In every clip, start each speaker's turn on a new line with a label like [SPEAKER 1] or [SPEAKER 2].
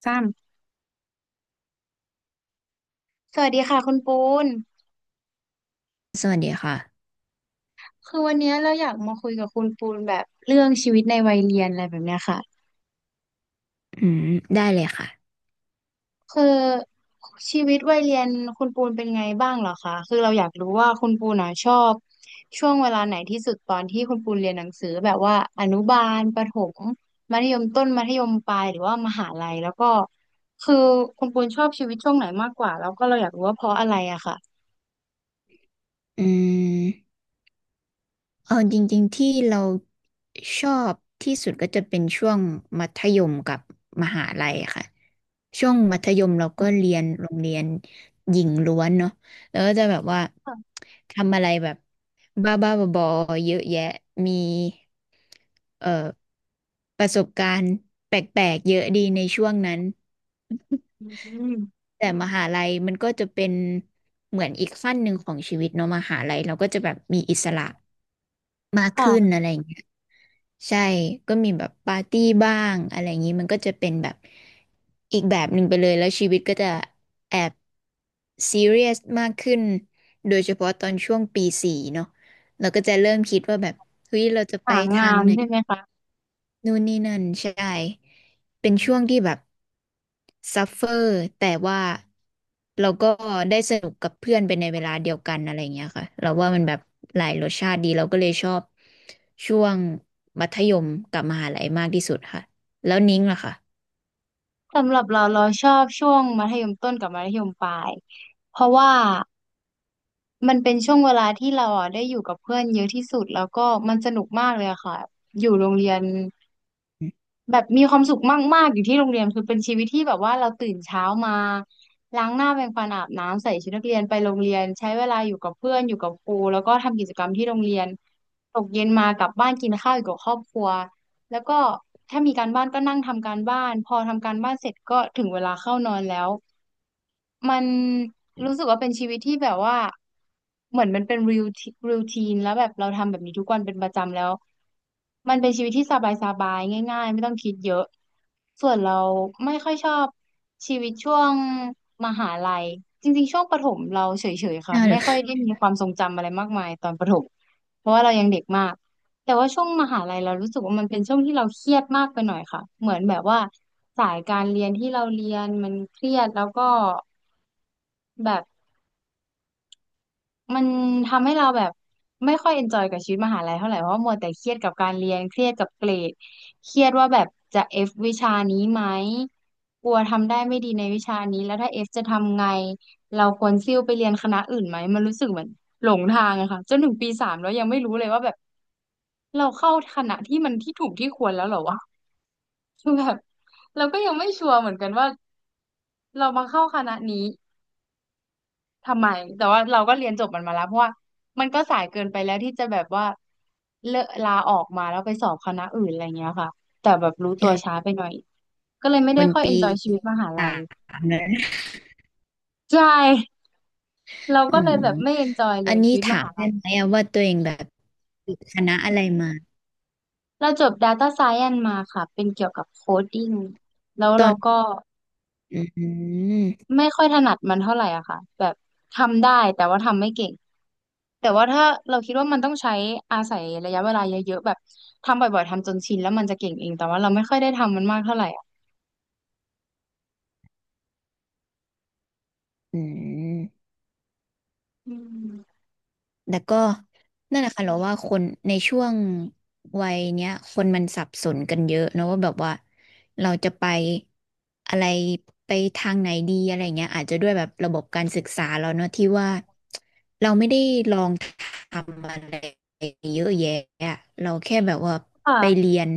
[SPEAKER 1] ซ้สวัสดีค่ะคุณปูน
[SPEAKER 2] สวัสดีค่ะ
[SPEAKER 1] คือวันเนี้ยเราอยากมาคุยกับคุณปูนแบบเรื่องชีวิตในวัยเรียนอะไรแบบเนี้ยค่ะ
[SPEAKER 2] อืมได้เลยค่ะ
[SPEAKER 1] คือชีวิตวัยเรียนคุณปูนเป็นไงบ้างเหรอคะคือเราอยากรู้ว่าคุณปูนอ่ะชอบช่วงเวลาไหนที่สุดตอนที่คุณปูนเรียนหนังสือแบบว่าอนุบาลประถมมัธยมต้นมัธยมปลายหรือว่ามหาลัยแล้วก็คือคุณปูนชอบชีวิตช่วงไหนมากกว่าแล้วก็เราอยากรู้ว่าเพราะอะไรอะค่ะ
[SPEAKER 2] อืมเอาจริงๆ ที่เราชอบที่สุดก็จะเป็นช่วงมัธยมกับมหาลัยค่ะ ช่วงมัธยมเราก็เรียนโรงเรียนหญิงล้วนเนาะแล้วก็จะแบบว่าทำอะไรแบบบ้าบ้าบอๆเยอะแยะมีเอ่อประสบการณ์แปลกๆ เยอะดีในช่วงนั้น
[SPEAKER 1] ำอืม
[SPEAKER 2] แต่มหาลัยมันก็จะเป็นเหมือนอีกขั้นหนึ่งของชีวิตเนาะมหาลัยเราก็จะแบบมีอิสระมากขึ้น
[SPEAKER 1] ค่ะ
[SPEAKER 2] อะไรอย่างเงี้ยใช่ก็มีแบบปาร์ตี้บ้างอะไรอย่างงี้มันก็จะเป็นแบบอีกแบบหนึ่งไปเลยแล้วชีวิตก็จะแอบซีเรียสมากขึ้นโดยเฉพาะตอนช่วงปี 4เนาะเราก็จะเริ่มคิดว่าแบบเฮ้ยเราจะไป
[SPEAKER 1] หา
[SPEAKER 2] ทา
[SPEAKER 1] งา
[SPEAKER 2] ง
[SPEAKER 1] น
[SPEAKER 2] ไหน
[SPEAKER 1] ใช่ไหมคะ
[SPEAKER 2] นู่นนี่นั่นใช่ เป็นช่วงที่แบบซัฟเฟอร์แต่ว่าเราก็ได้สนุกกับเพื่อนไปในเวลาเดียวกันอะไรอย่างเงี้ยค่ะเราว่ามันแบบหลายรสชาติดีเราก็เลยชอบช่วงมัธยมกับมหาลัยมากที่สุดค่ะแล้วนิ้งล่ะค่ะ
[SPEAKER 1] สำหรับเราเราชอบช่วงมัธยมต้นกับมัธยมปลายเพราะว่ามันเป็นช่วงเวลาที่เราอ่ะได้อยู่กับเพื่อนเยอะที่สุดแล้วก็มันสนุกมากเลยอะค่ะอยู่โรงเรียน แบบมีความสุขมากๆอยู่ที่โรงเรียนคือเป็นชีวิตที่แบบว่าเราตื่นเช้ามาล้างหน้าแปรงฟันอาบน้ำใส่ชุดนักเรียนไปโรงเรียนใช้เวลาอยู่กับเพื่อนอยู่กับครูแล้วก็ทำกิจกรรมที่โรงเรียนตกเย็นมากลับบ้านกินข้าวอยู่กับครอบครัวแล้วก็ถ้ามีการบ้านก็นั่งทำการบ้านพอทำการบ้านเสร็จก็ถึงเวลาเข้านอนแล้ว มันรู้สึกว่าเป็นชีวิตที่แบบว่าเหมือนมันเป็นริวทีนแล้วแบบเราทำแบบนี้ทุกวันเป็นประจำแล้วมันเป็นชีวิตที่สบายสบายง่ายๆไม่ต้องคิดเยอะส่วนเราไม่ค่อยชอบชีวิตช่วงมหาลัยจริงๆช่วงประถมเราเฉยๆค่ะ
[SPEAKER 2] น่าเหร
[SPEAKER 1] ไม่
[SPEAKER 2] อ
[SPEAKER 1] ค่อยได้มีความทรงจำอะไรมากมายตอนประถมเพราะว่าเรายังเด็กมากแต่ว่าช่วงมหาลัยเรารู้สึกว่ามันเป็นช่วงที่เราเครียดมากไปหน่อยค่ะเหมือนแบบว่าสายการเรียนที่เราเรียนมันเครียดแล้วก็ แบบมันทำให้เราแบบไม่ค่อยเอนจอยกับชีวิตมหาลัยเท่าไหร่เพราะว่ามัวแต่เครียดกับการเรียนเครียดกับเกรดเครียดว่าแบบจะเอฟวิชานี้ไหมกลัวทำได้ไม่ดีในวิชานี้แล้วถ้าเอฟจะทำไงเราควรซิ่วไปเรียนคณะอื่นไหมมันรู้สึกเหมือนหลงทางอะค่ะจนถึงปี 3แล้วยังไม่รู้เลยว่าแบบเราเข้าคณะที่มันที่ถูกที่ควรแล้วเหรอวะคือแบบเราก็ยังไม่ชัวร์เหมือนกันว่าเรามาเข้าคณะนี้ ทำไมแต่ว่าเราก็เรียนจบมันมาแล้วเพราะว่ามันก็สายเกินไปแล้วที่จะแบบว่าเลิกลาออกมาแล้วไปสอบคณะอื่นอะไรเงี้ยค่ะแต่แบบรู้ตัวช้า
[SPEAKER 2] ใช่
[SPEAKER 1] ไปหน่อยก็เลยไม่ได้
[SPEAKER 2] มัน
[SPEAKER 1] ค่อยเอน
[SPEAKER 2] ปี
[SPEAKER 1] จอยชีวิตมหาลั
[SPEAKER 2] สา
[SPEAKER 1] ย
[SPEAKER 2] มแล้วนะ
[SPEAKER 1] ใช่เรา
[SPEAKER 2] อื
[SPEAKER 1] ก็เล
[SPEAKER 2] ม
[SPEAKER 1] ยแบบไม่เอนจอยเล
[SPEAKER 2] อัน
[SPEAKER 1] ย
[SPEAKER 2] นี้
[SPEAKER 1] ชีวิตม
[SPEAKER 2] ถาม
[SPEAKER 1] หา
[SPEAKER 2] ได้
[SPEAKER 1] ลัย
[SPEAKER 2] ไหมอะว่าตัวเองแบบติดคณะอะไรมา
[SPEAKER 1] เราจบ Data Science มาค่ะเป็นเกี่ยวกับโคดดิ้งแล้ว
[SPEAKER 2] ตอ
[SPEAKER 1] เรา
[SPEAKER 2] น
[SPEAKER 1] ก็
[SPEAKER 2] อืม
[SPEAKER 1] ไม่ค่อยถนัดมันเท่าไหร่อะค่ะแบบทำได้แต่ว่าทำไม่เก่ง แต่ว่าถ้าเราคิดว่ามันต้องใช้อาศัยระยะเวลาเยอะๆแบบทำบ่อยๆทำจนชินแล้วมันจะเก่งเองแต่ว่าเราไม่ค่อยได้ทำมันมากเท่าไหร่อะ
[SPEAKER 2] อืม
[SPEAKER 1] อืม
[SPEAKER 2] แต่ก็นั่นแหละค่ะเราว่าคนในช่วงวัยเนี้ยคนมันสับสนกันเยอะเนอะว่าแบบว่าเราจะไปอะไรไปทางไหนดีอะไรเงี้ยอาจจะด้วยแบบระบบการศึกษาเราเนอะที่ว่า ทำอะไรเยอะแยะอะเราแค่แบบว่าไป
[SPEAKER 1] ค่ะ
[SPEAKER 2] เรียน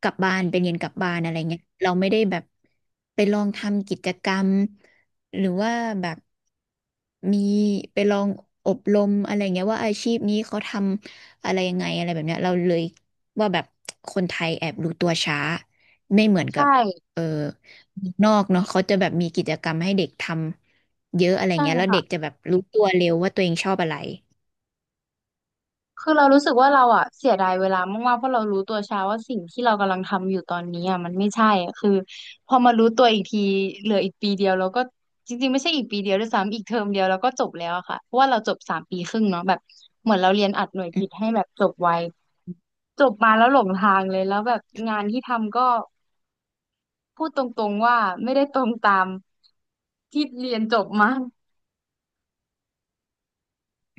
[SPEAKER 2] กลับบ้านไปเรียนกลับบ้านอะไรเงี้ยเราไม่ได้แบบไปลองทำกิจกรรมหรือว่าแบบมีไปลองอบรมอะไรเงี้ยว่าอาชีพนี้เขาทำอะไรยังไงอะไรแบบเนี้ยเราเลยว่าแบบคนไทยแอบรู้ตัวช้าไม่เหมือนกั
[SPEAKER 1] ใช่
[SPEAKER 2] บเออนอกเนาะเขาจะแบบมีกิจกรรมให้เด็กทำเยอะอะไร
[SPEAKER 1] ใช่
[SPEAKER 2] เงี้ยแล้ว
[SPEAKER 1] ค่ะ
[SPEAKER 2] เด็กจะแบบรู้ตัวเร็วว่าตัวเองชอบอะไร
[SPEAKER 1] คือเรารู้สึกว่าเราอะเสียดายเวลามากๆ เพราะเรารู้ตัวช้าว่าสิ่งที่เรากำลังทำอยู่ตอนนี้อะมันไม่ใช่อะคือพอมารู้ตัวอีกทีเหลืออีกปีเดียวเราก็จริงๆไม่ใช่อีกปีเดียวด้วยซ้ำอีกเทอมเดียวเราก็จบแล้วอะค่ะเพราะว่าเราจบ3 ปีครึ่งเนาะแบบเหมือนเราเรียนอัดหน่วยกิตให้แบบจบไวจบมาแล้วหลงทางเลยแล้วแบบงานที่ทำก็พูดตรงๆว่าไม่ได้ตรงตามที่เรียนจบมา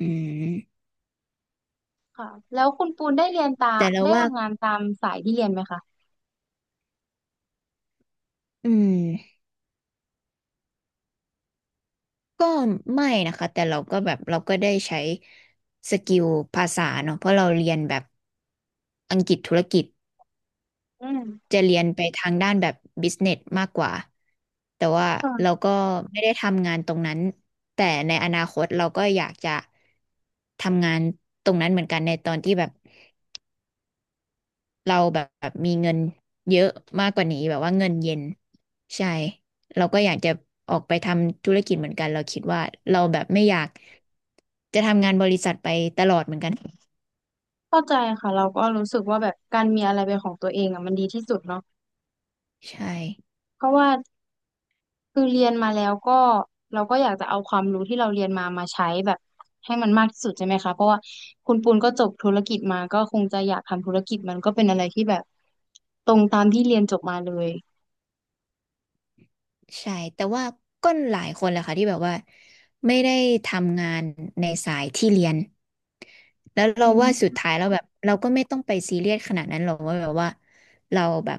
[SPEAKER 2] อืม
[SPEAKER 1] ค่ะแล้วคุณปูน
[SPEAKER 2] แต่เรา
[SPEAKER 1] ได้
[SPEAKER 2] ว่า
[SPEAKER 1] ทำงานตามสายที่เรียนไหมคะ
[SPEAKER 2] อืมก็ไม่นะคะแต่เราก็แบบเราก็ได้ใช้สกิลภาษาเนอะเพราะเราเรียนแบบอังกฤษธุรกิจ
[SPEAKER 1] อืม
[SPEAKER 2] จะเรียนไปทางด้านแบบบิสเนสมากกว่าแต่ว่าเราก็ไม่ได้ทำงานตรงนั้นแต่ในอนาคตเราก็อยากจะทำงานตรงนั้นเหมือนกันในตอนที่แบบ เราแบบมีเงินเยอะมากกว่านี้แบบว่าเงินเย็นใช่เราก็อยากจะออกไปทำธุรกิจเหมือนกันเราคิดว่าเราแบบไม่อยากจะทำงานบริษัทไปตลอดเหมือนกัน
[SPEAKER 1] เข้าใจค่ะเราก็รู้สึกว่าแบบการมีอะไรเป็นของตัวเองอ่ะมันดีที่สุดเนาะ
[SPEAKER 2] ใช่
[SPEAKER 1] เพราะว่าคือเรียนมาแล้วก็เราก็อยากจะเอาความรู้ที่เราเรียนมามาใช้แบบให้มันมากที่สุดใช่ไหมคะเพราะว่าคุณปูนก็จบธุรกิจมาก็คงจะอยากทำธุรกิจมันก็เป็นอะไรที่แบบตรงตามที่เรียนจบมาเลย
[SPEAKER 2] ใช่แต่ว่าก็หลายคนแหละค่ะที่แบบว่าไม่ได้ทำงานในสายที่เรียน แล้วเรา
[SPEAKER 1] อื
[SPEAKER 2] ว่าสุด
[SPEAKER 1] ม
[SPEAKER 2] ท้ายเราแบบเราก็ไม่ต้องไปซีเรียสขนาดนั้นหรอกว่าแบบว่าเราแบบ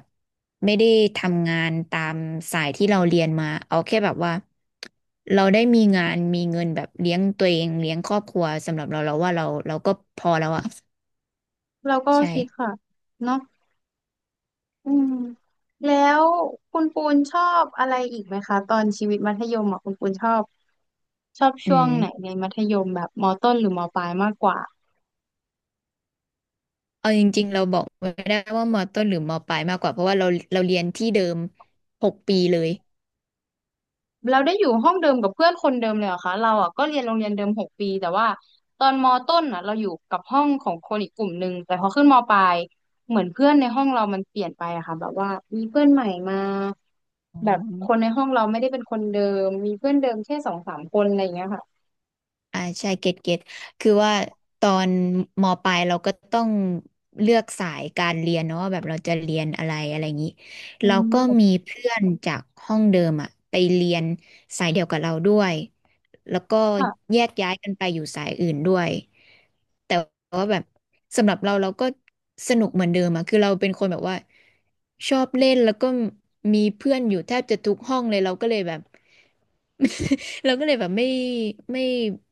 [SPEAKER 2] ไม่ได้ทำงานตามสายที่เราเรียนมาเอาแค่แบบว่าเราได้มีงานมีเงินแบบเลี้ยงตัวเองเลี้ยงครอบครัวสำหรับเราเราว่าเราก็พอแล้วอะ
[SPEAKER 1] เราก็
[SPEAKER 2] ใช่
[SPEAKER 1] คิดค่ะเนาะ อืมแล้วคุณปูนชอบอะไรอีกไหมคะตอนชีวิตมัธยมอ่ะคุณปูนชอบ
[SPEAKER 2] อื
[SPEAKER 1] ช่วงไหน
[SPEAKER 2] ม
[SPEAKER 1] ในมัธยมแบบมต้นหรือมปลายมากกว่า
[SPEAKER 2] เอาจริงๆเราบอกไม่ได้ว่ามอต้นหรือมอปลายมากกว่าเพราะว่าเราเรียนที่เดิม6 ปีเลย
[SPEAKER 1] เราได้อยู่ห้องเดิมกับเพื่อนคนเดิมเลยเหรอคะเราอ่ะก็เรียนโรงเรียนเดิมหกปีแต่ว่าตอนมต้นอ่ะเราอยู่กับห้องของคนอีกกลุ่มหนึ่งแต่พอขึ้นมปลายเหมือนเพื่อนในห้องเรามันเปลี่ยนไปอะค่ะแบบว่ามีเพื่อนใหม่มา
[SPEAKER 2] อ๋อ
[SPEAKER 1] แบบคนในห้องเราไม่ได้เป็นคนเดิมมีเพื่อนเดิมแค่สองสามคนอะไรอย่างเงี้ยค่ะ
[SPEAKER 2] อ่าใช่เก็ตเก็ตคือว่าตอนมปลายเราก็ต้องเลือกสายการเรียนเนาะว่าแบบเราจะเรียนอะไรอะไรอย่างนี้
[SPEAKER 1] อื
[SPEAKER 2] เราก็
[SPEAKER 1] ม
[SPEAKER 2] มีเพื่อนจากห้องเดิมอะไปเรียนสายเดียวกับเราด้วย แล้วก็
[SPEAKER 1] ค่ะ
[SPEAKER 2] แยกย้ายกันไปอยู่สายอื่นด้วยแต่ว่าแบบสำหรับเราเราก็สนุกเหมือนเดิมอะคือเราเป็นคนแบบว่าชอบเล่นแล้วก็มีเพื่อนอยู่แทบจะทุกห้องเลยเราก็เลยแบบ เราก็เลยแบบไม่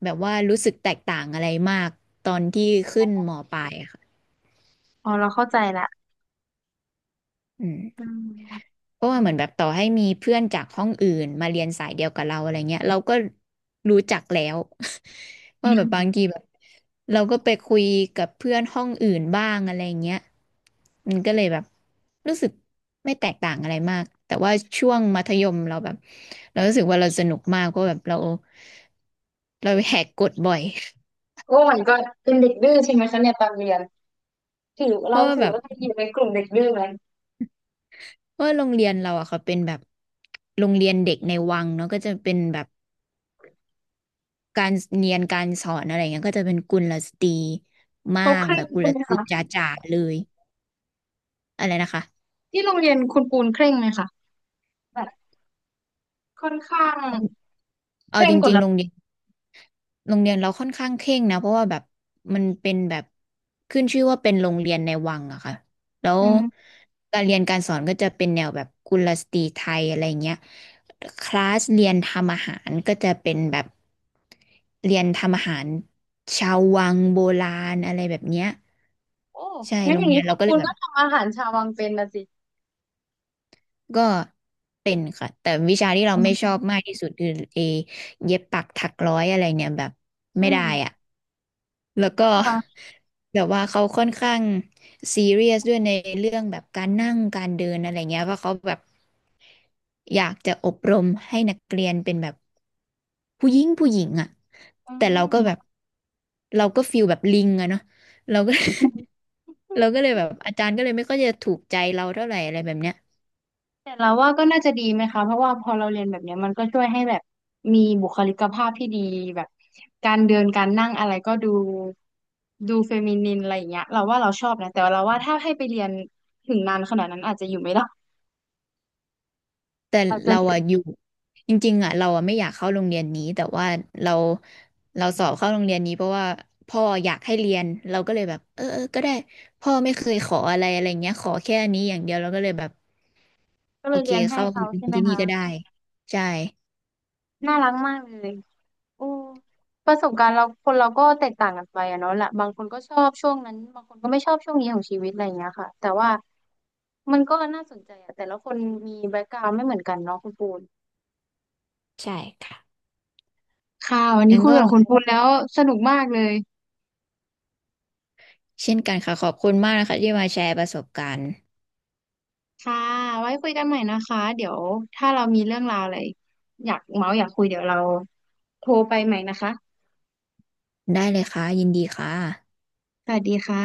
[SPEAKER 2] แบบว่ารู้สึกแตกต่างอะไรมากตอนที่ขึ้นมปลายอะค่ะ
[SPEAKER 1] อ๋อเราเข้าใจละ
[SPEAKER 2] อื
[SPEAKER 1] อื
[SPEAKER 2] ม
[SPEAKER 1] ม
[SPEAKER 2] เพราะว่าเหมือนแบบต่อให้มีเพื่อนจากห้องอื่นมาเรียนสายเดียวกับเราอะไรเงี้ยเราก็รู้จักแล้ว
[SPEAKER 1] อื
[SPEAKER 2] ว่าแบบบา
[SPEAKER 1] ม
[SPEAKER 2] งทีแบบเราก็ไปคุยกับเพื่อนห้องอื่นบ้างอะไรเงี้ยมันก็เลยแบบรู้สึกไม่แตกต่างอะไรมากแต่ว่าช่วงมัธยมเราแบบเรารู้สึกว่าเราสนุกมากเพราะแบบเราแหกกฎบ่อย
[SPEAKER 1] โอ้มันก็เป็นเด็กดื้อใช่ไหมคะเนี่ยตอนเรียนถือ
[SPEAKER 2] เพ
[SPEAKER 1] เรา
[SPEAKER 2] ราะว่า
[SPEAKER 1] ถื
[SPEAKER 2] แบ
[SPEAKER 1] อ
[SPEAKER 2] บ
[SPEAKER 1] ว่าเราอยู่ในกลุ่มเด็กดื้อไหม
[SPEAKER 2] เพราะว่าโรงเรียนเราอะเขาเป็นแบบโรงเรียนเด็กในวังเนาะก็จะเป็นแบบ การเรียนการสอนอะไรเงี้ยก็จะเป็นกุลสตรีมา
[SPEAKER 1] เขา
[SPEAKER 2] ก
[SPEAKER 1] เคร่
[SPEAKER 2] แบ
[SPEAKER 1] ง
[SPEAKER 2] บกุ
[SPEAKER 1] ใช่
[SPEAKER 2] ล
[SPEAKER 1] ไหม
[SPEAKER 2] สตรีจ
[SPEAKER 1] คะ
[SPEAKER 2] ๋าๆเลยอะไรนะคะ
[SPEAKER 1] ที่โรงเรียนคุณปูนเคร่งไหมคะแบบค่อนข้างเค
[SPEAKER 2] เอา
[SPEAKER 1] ร่
[SPEAKER 2] จ
[SPEAKER 1] งกฎ
[SPEAKER 2] ริงๆ
[SPEAKER 1] ระ
[SPEAKER 2] โร
[SPEAKER 1] เบี
[SPEAKER 2] ง
[SPEAKER 1] ย
[SPEAKER 2] เรี
[SPEAKER 1] บ
[SPEAKER 2] ยนโรงเรียนเราค่อนข้างเคร่งนะเพราะว่าแบบมันเป็นแบบขึ้นชื่อว่าเป็นโรงเรียนในวังอะค่ะแล้ว
[SPEAKER 1] อืม
[SPEAKER 2] การเรียนการสอนก็จะเป็นแนวแบบกุลสตรีไทยอะไรเงี้ยคลาสเรียนทำอาหารก็จะเป็นแบบเรียนทำอาหารชาววังโบราณอะไรแบบเนี้ย
[SPEAKER 1] โอ้
[SPEAKER 2] ใช่
[SPEAKER 1] งั้น
[SPEAKER 2] โร
[SPEAKER 1] อ
[SPEAKER 2] ง
[SPEAKER 1] ย่าง
[SPEAKER 2] เรี
[SPEAKER 1] นี้
[SPEAKER 2] ยน
[SPEAKER 1] คุ
[SPEAKER 2] เรา
[SPEAKER 1] ณ
[SPEAKER 2] ก็เล
[SPEAKER 1] ปู
[SPEAKER 2] ย
[SPEAKER 1] น
[SPEAKER 2] แบ
[SPEAKER 1] ก็
[SPEAKER 2] บ
[SPEAKER 1] ทำอาหารชาววังเป็นนะสิ
[SPEAKER 2] ก็เป็นค่ะแต่วิชาที่เราไม่ชอบมากที่สุดคือเอเย็บปักถักร้อยอะไรเนี่ยแบบ
[SPEAKER 1] อื
[SPEAKER 2] ไม่ได้
[SPEAKER 1] ม
[SPEAKER 2] อ่ะแล้วก็
[SPEAKER 1] ค่ะ
[SPEAKER 2] แบบว่าเขาค่อนข้างซีเรียสด้วยในเรื่องแบบการนั่งการเดินอะไรเงี้ยเพราะเขาแบบอยากจะอบรมให้นักเรียนเป็นแบบผู้หญิงผู้หญิงอ่ะ
[SPEAKER 1] อื
[SPEAKER 2] แต่เราก็แบ
[SPEAKER 1] ม
[SPEAKER 2] บเราก็ฟีลแบบลิงอะเนาะเราก็ เราก็เลยแบบอาจารย์ก็เลยไม่ค่อยจะถูกใจเราเท่าไหร่อะไรแบบเนี้ย
[SPEAKER 1] แต่เราว่าก็น่าจะดีไหมคะเพราะว่าพอเราเรียนแบบเนี้ยมันก็ช่วยให้แบบมีบุคลิกภาพที่ดีแบบการเดินการนั่งอะไรก็ดูเฟมินินอะไรอย่างเงี้ยเราว่าเราชอบนะแต่เราว่าถ้าให้ไปเรียนถึงนานขนาดนั้นอาจจะอยู่ไม่ได้
[SPEAKER 2] แต่
[SPEAKER 1] อาจ
[SPEAKER 2] เรา
[SPEAKER 1] จะ
[SPEAKER 2] อะอยู่จริงๆอะเราอะไม่อยากเข้าโรงเรียนนี้แต่ว่าเราเราสอบเข้าโรงเรียนนี้เพราะว่าพ่ออยากให้เรียนเราก็เลยแบบเออเออก็ได้พ่อไม่เคยขออะไรอะไรเงี้ยขอแค่อันนี้อย่างเดียวเราก็เลยแบบ
[SPEAKER 1] ก็เล
[SPEAKER 2] โอ
[SPEAKER 1] ย
[SPEAKER 2] เค
[SPEAKER 1] เรียนให้
[SPEAKER 2] เข้า
[SPEAKER 1] เขา
[SPEAKER 2] เรีย
[SPEAKER 1] ใช่
[SPEAKER 2] น
[SPEAKER 1] ไหม
[SPEAKER 2] ที่นี่
[SPEAKER 1] คะ
[SPEAKER 2] ก็ได้ใช่
[SPEAKER 1] น่ารักมากเลยโอ้ประสบการณ์เราคนเราก็แตกต่างกันไปอะเนาะละบางคนก็ชอบช่วงนั้นบางคนก็ไม่ชอบช่วงนี้ของชีวิตอะไรอย่างเงี้ยค่ะแต่ว่ามันก็น่าสนใจอะแต่ละคนมีแบ็กกราวด์ไม่เหมือนกันเนาะคุณปูน
[SPEAKER 2] ใช่ค่ะ
[SPEAKER 1] ค่ะวันนี้
[SPEAKER 2] งั้น
[SPEAKER 1] คุย
[SPEAKER 2] ก็
[SPEAKER 1] กับคุณแล้วสนุกมากเลย
[SPEAKER 2] เช่นกันค่ะขอบคุณมากนะคะที่มาแชร์ประสบการณ์
[SPEAKER 1] ค่ะไว้คุยกันใหม่นะคะเดี๋ยวถ้าเรามีเรื่องราวอะไรอยากเมาส์อยากคุยเดี๋ยวเราโทรไปใหม่นะคะ
[SPEAKER 2] ได้เลยค่ะยินดีค่ะ
[SPEAKER 1] สวัสดีค่ะ